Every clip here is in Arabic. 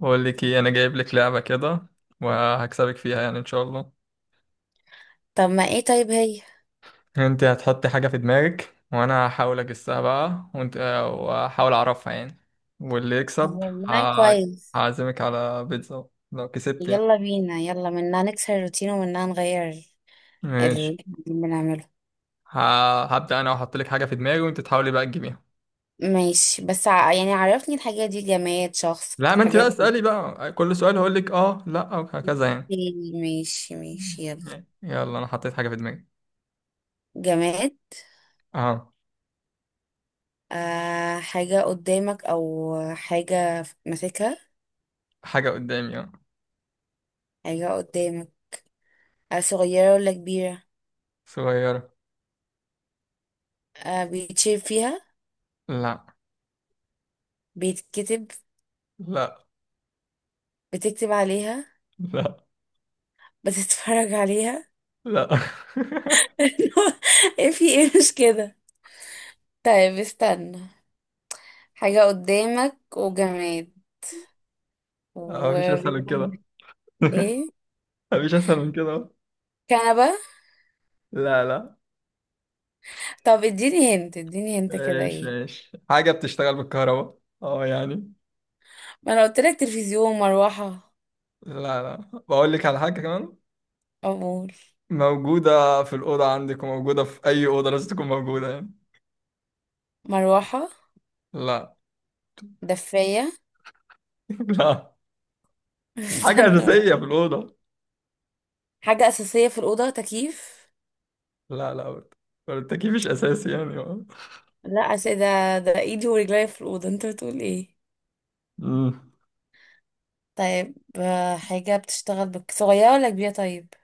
بقول لك ايه، انا جايب لك لعبة كده وهكسبك فيها يعني ان شاء الله. طب ما ايه؟ طيب هي. انت هتحطي حاجة في دماغك وانا هحاول اجسها بقى، وانت واحاول اعرفها يعني، واللي طب يكسب والله ه- كويس. هعزمك على بيتزا لو كسبت يعني. يلا بينا، يلا منها نكسر الروتين ومنها نغير اللي ماشي. احنا بنعمله. هبدأ انا واحط لك حاجة في دماغي، وانت تحاولي بقى تجيبيها. ماشي، بس يعني عرفني، الحاجات دي جماد، شخص؟ لا، ما انت بقى الحاجات دي اسألي بقى، كل سؤال هقول لك اه لا وهكذا يعني. إيه، ماشي ماشي يلا. يلا، انا حطيت حاجة في دماغي. جماد. اه. آه، حاجة قدامك أو حاجة ماسكها؟ حاجة قدامي اه. حاجة قدامك. آه، صغيرة ولا كبيرة؟ صغيرة. آه، بيتشير فيها؟ لا. بيتكتب؟ لا. بتكتب عليها؟ لا. بتتفرج عليها؟ لا. إيه، في ايه، مش كده؟ طيب استنى. حاجة قدامك وجماد مفيش اسهل من وبيكون كده. ايه. مفيش اسهل من كده. كنبة؟ لا لا. طب اديني هنت، اديني هنت كده ايش ايه. ايش، حاجه بتشتغل بالكهرباء اه يعني. ما انا قلت لك تلفزيون، مروحة. لا لا. بقول لك على حاجه كمان، اقول. موجوده في الاوضه عندك وموجوده في اي اوضه لازم تكون موجوده يعني. مروحة. لا. دفاية. لا. حاجه استنى بقى. اساسيه في الاوضه. حاجة أساسية في الأوضة، تكييف. لا لا برضه. برضه التكييف مش اساسي يعني. لا أساسية ده، ده ايدي ورجلي في الأوضة، انت بتقول ايه؟ امم طيب حاجة بتشتغل بك، صغيرة ولا كبيرة طيب؟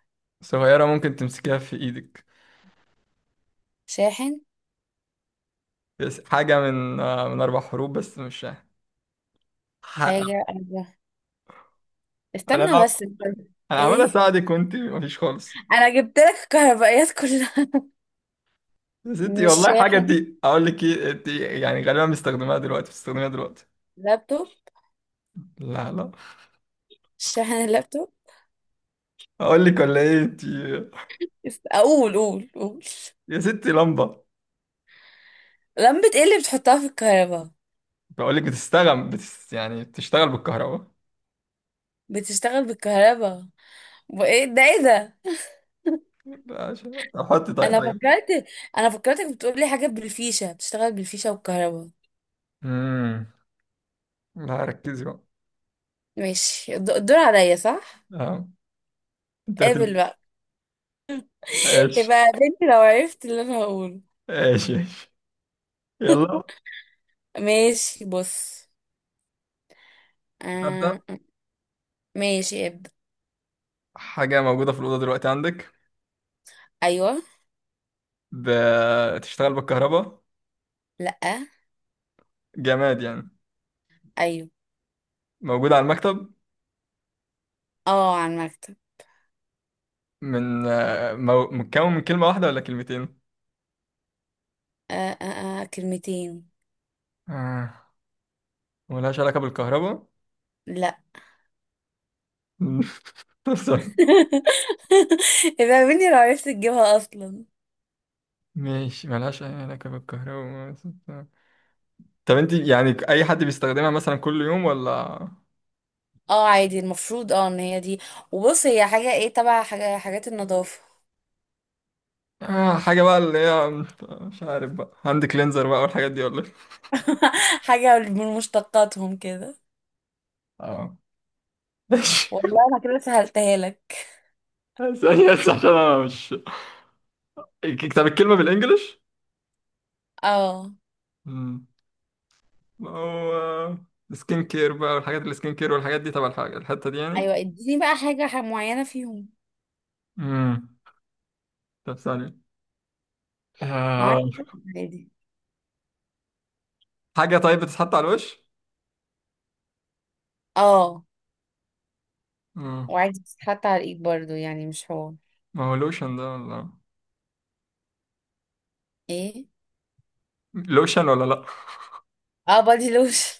صغيره ممكن تمسكيها في ايدك، شاحن. بس حاجه من اربع حروف بس مش ح- حاجة أربعة. انا استنى بس استنى. انا عمال ايه؟ اساعدك وانت مفيش خالص. انا جبت لك الكهربائيات كلها. يا ستي مش والله، حاجه شاحن؟ دي اقول لك ايه، انت يعني غالبا مستخدماها دلوقتي، بتستخدميها دلوقتي. لابتوب. لا لا. شاحن اللابتوب. اقول لك ولا ايه انت. اقول قول قول. يا ستي، لمبه. لمبة؟ ايه اللي بتحطها في الكهرباء؟ بقول لك بتستخدم يعني بتشتغل بالكهرباء. بتشتغل بالكهرباء. وايه ده، ايه ده؟ لا، طب حطي طيب انا حاجه. فكرت، انا فكرتك بتقول لي حاجة بالفيشة، بتشتغل بالفيشة والكهرباء. امم لا ركزي بقى. ماشي، الدور عليا صح؟ آه. انت قابل هتل. بقى. ماشي. يبقى بنتي لو عرفت اللي انا هقوله. ماشي ماشي. يلا. ماشي بص. ابدا. آه. ماشي ابدأ. حاجه موجوده في الاوضه دلوقتي عندك. ايوه. بتشتغل بالكهرباء. لا. جماد يعني. ايوه. موجوده على المكتب. اه، على المكتب. متكون من كلمة واحدة ولا كلمتين؟ آه، آه، آه، كلمتين. آه. ملهاش علاقة بالكهرباء؟ لا. طب استنى. يبقى مني لو عرفت تجيبها اصلا. ماشي، ملهاش أي علاقة بالكهرباء. طب انت يعني أي حد بيستخدمها مثلا كل يوم ولا. اه عادي المفروض، ان هي دي، وبص هي حاجة ايه، تبع حاجات النظافة. آه، حاجة بقى اللي هي، مش عارف بقى هاند كلينزر بقى والحاجات دي ولا ايه؟ حاجة من مشتقاتهم كده. اه ماشي. والله انا كده سهلتها لك. ثانية بس عشان أنا مش. طب الكلمة بالإنجلش؟ اه. مم. ما هو سكين كير بقى والحاجات، السكين كير والحاجات دي تبع الحتة دي يعني؟ ايوه، اديني بقى حاجة معينة فيهم. مم. طب ثانية معاك. آه. عادي. حاجة طيب بتتحط على الوش؟ اه. مم. وعادي بتتحط على الايد برضو، يعني مش هو. ما هو لوشن ده ولا، ايه. لوشن ولا لأ؟ اه، بادي لوشن.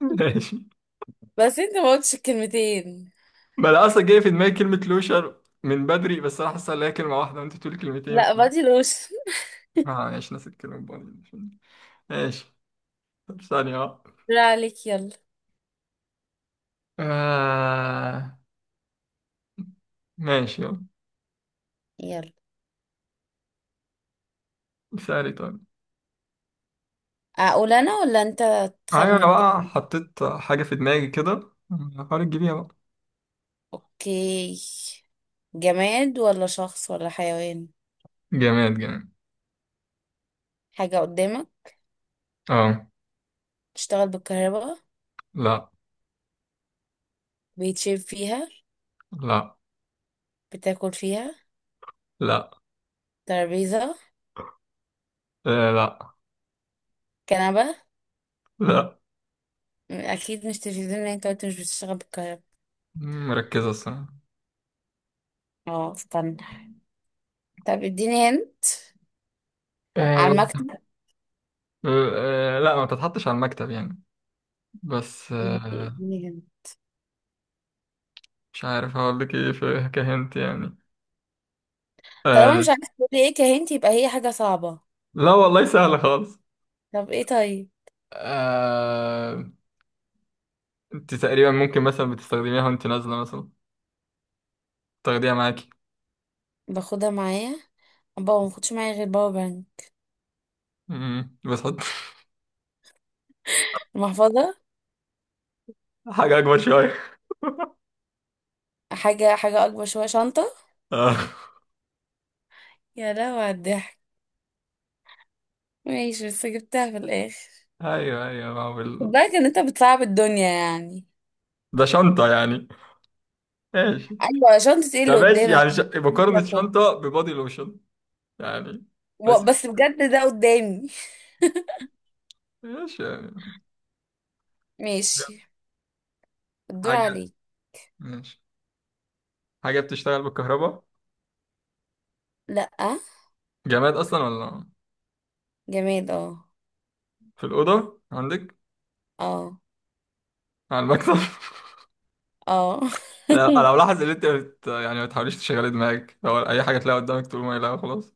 ماشي، بس انت ما قلتش الكلمتين. ما أنا أصلا جاي في دماغي كلمة لوشن من بدري، بس أنا حاسس إن هي كلمة واحدة وأنت بتقولي كلمتين لا، بادي لوشن. آه ماشي، ناس الكلمة بودي. ماشي. طب ثانية بقى. لا عليك، يلا. آه. ماشي يلا. يلا. سألي طيب. اقول انا ولا انت أيوة، أنا تخمن بقى تاني؟ حطيت حاجة في دماغي كده، حاول تجيبيها بقى. اوكي. جماد ولا شخص ولا حيوان؟ جماد جماد. حاجة قدامك؟ أه. تشتغل بالكهرباء؟ لأ. بيتشرب فيها؟ لأ. بتاكل فيها؟ لأ. ترابيزة؟ آه، لأ. كنبة؟ لأ. اكيد مش تلفزيون لان انت قلت مش بتشتغل بالكهرباء. مركزة الصراحة. اه، استنى. طب اديني هنت. على آه، المكتب. أه، آه، لا ما تتحطش على المكتب يعني، بس ماشي، اديني هنت. مش عارف هقول لك ايه في كهنت يعني. طالما أه، مش عارفة تقولي ايه كهنت، يبقى هي حاجة صعبة. لا والله سهلة خالص. طب ايه طيب. أه، انت تقريبا ممكن مثلا بتستخدميها وانت نازلة مثلا تاخديها معاكي. باخدها معايا. ما باخدش معايا غير باور بانك. بس حط. المحفظة. حاجة أكبر شوية. حاجة أكبر شوية، شنطة. أه، يا لهوي على الضحك. ماشي، بس جبتها في الآخر. أيوه أيوه، ما هو خد بالك إن أنت بتصعب الدنيا يعني. ده شنطة يعني. ماشي، أيوة شنطة، إيه اللي ده ماشي قدامك؟ يعني، مقارنة لابتوب. شنطة ببادي لوشن يعني، بس بس بجد ده قدامي. ماشي يعني. ماشي. الدور حاجة، عليك. ماشي، حاجة بتشتغل بالكهرباء. لأ. جماد أصلا ولا. جماد اه. في الأوضة عندك. اه. على المكتب. اه. أنا ملاحظ إن أنت يعني ما تحاوليش تشغلي دماغك، هو أي حاجة تلاقيها قدامك تقول ما لا خلاص.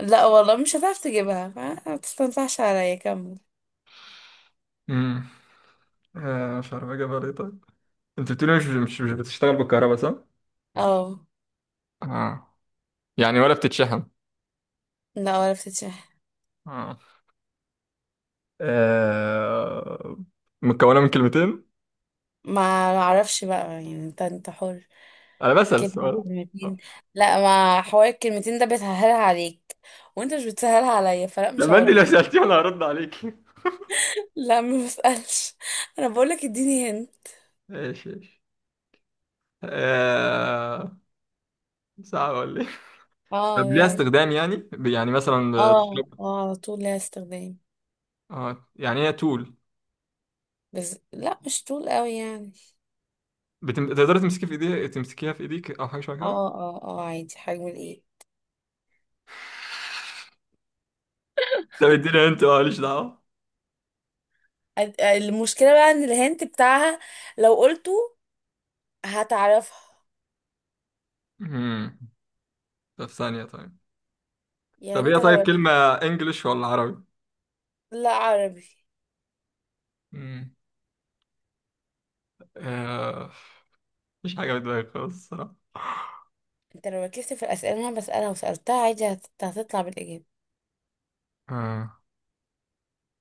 لأ والله مش هتعرف تجيبها، ما تستنصحش عليا، كمل. امم آه مش عارف أجيبها ليه طيب. أنت بتقولي مش بتشتغل بالكهرباء صح؟ اه. آه، يعني ولا بتتشحن. لأ ولا بتتشح. آه آه، مكونة من كلمتين. ما معرفش بقى، يعني انت، حر. أنا بسأل كلمة السؤال. آه. كلمتين. لا، ما حوار الكلمتين ده بتسهلها عليك وانت مش بتسهلها عليا، فلا مش لما أنت لو هقولك. سألتيه أنا هرد عليك. لا ما بسألش، انا بقولك اديني هنا. ايش ايش. آه... صعب ولا إيه؟ طب اه ليها يلا. استخدام يعني، يعني مثلا بتشرب. اه اه، على طول ليها استخدام. اه يعني هي تول. بس لا، مش طول قوي يعني. تقدري تمسكي في ايديها تمسكيها في ايديك او حاجه شبه كده. اه اه اه، عادي حجم الايه. طب اديني انت ماليش دعوه. المشكلة بقى ان الهنت بتاعها لو قلته هتعرفها. امم طب ثانيه طيب. طب يعني هي انت لو طيب كلمه، ركزت. انجلش ولا عربي. لا، عربي. امم آه... مفيش حاجه بتضايق خالص الصراحه. انت لو ركزت في الأسئلة اللي انا بسألها وسألتها عادي، هتطلع بالإجابة. آه.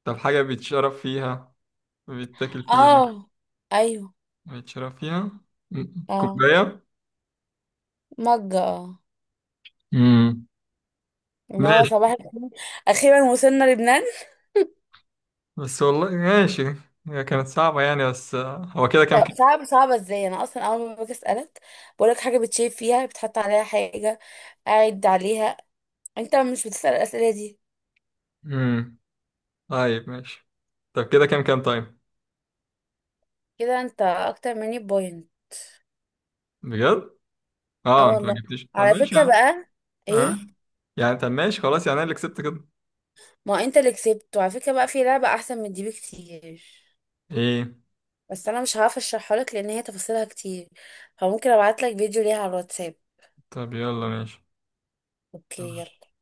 طب حاجه بيتشرب فيها، بيتاكل فيها، اه. ايوه. بيتشرب فيها. مم. اه. كوبايه. مجة اه. امم اللي هو ماشي. صباح الفل. اخيرا وصلنا لبنان. بس والله ماشي، هي كانت صعبه يعني، بس هو كده كام طب كده. صعبة ازاي؟ انا اصلا اول ما باجي اسألك بقولك حاجة بتشيف فيها، بتحط عليها حاجة، قاعد عليها، انت مش بتسأل الأسئلة دي. امم طيب ماشي. طب كده كام كام طيب. كده انت اكتر مني بوينت. بجد. اه اه، انت ما والله. جبتيش، طب على ماشي فكرة يعني. بقى. ايه؟ ها. يعني طب ماشي خلاص يعني، انا اللي كسبت كده. ما انت اللي كسبت، وعلى فكرة بقى، في لعبة احسن من دي بكتير، ايه. بس انا مش هعرف اشرحها لك لان هي تفاصيلها كتير، فممكن ابعت لك فيديو ليها على الواتساب. طب يلا ماشي. اوكي يلا.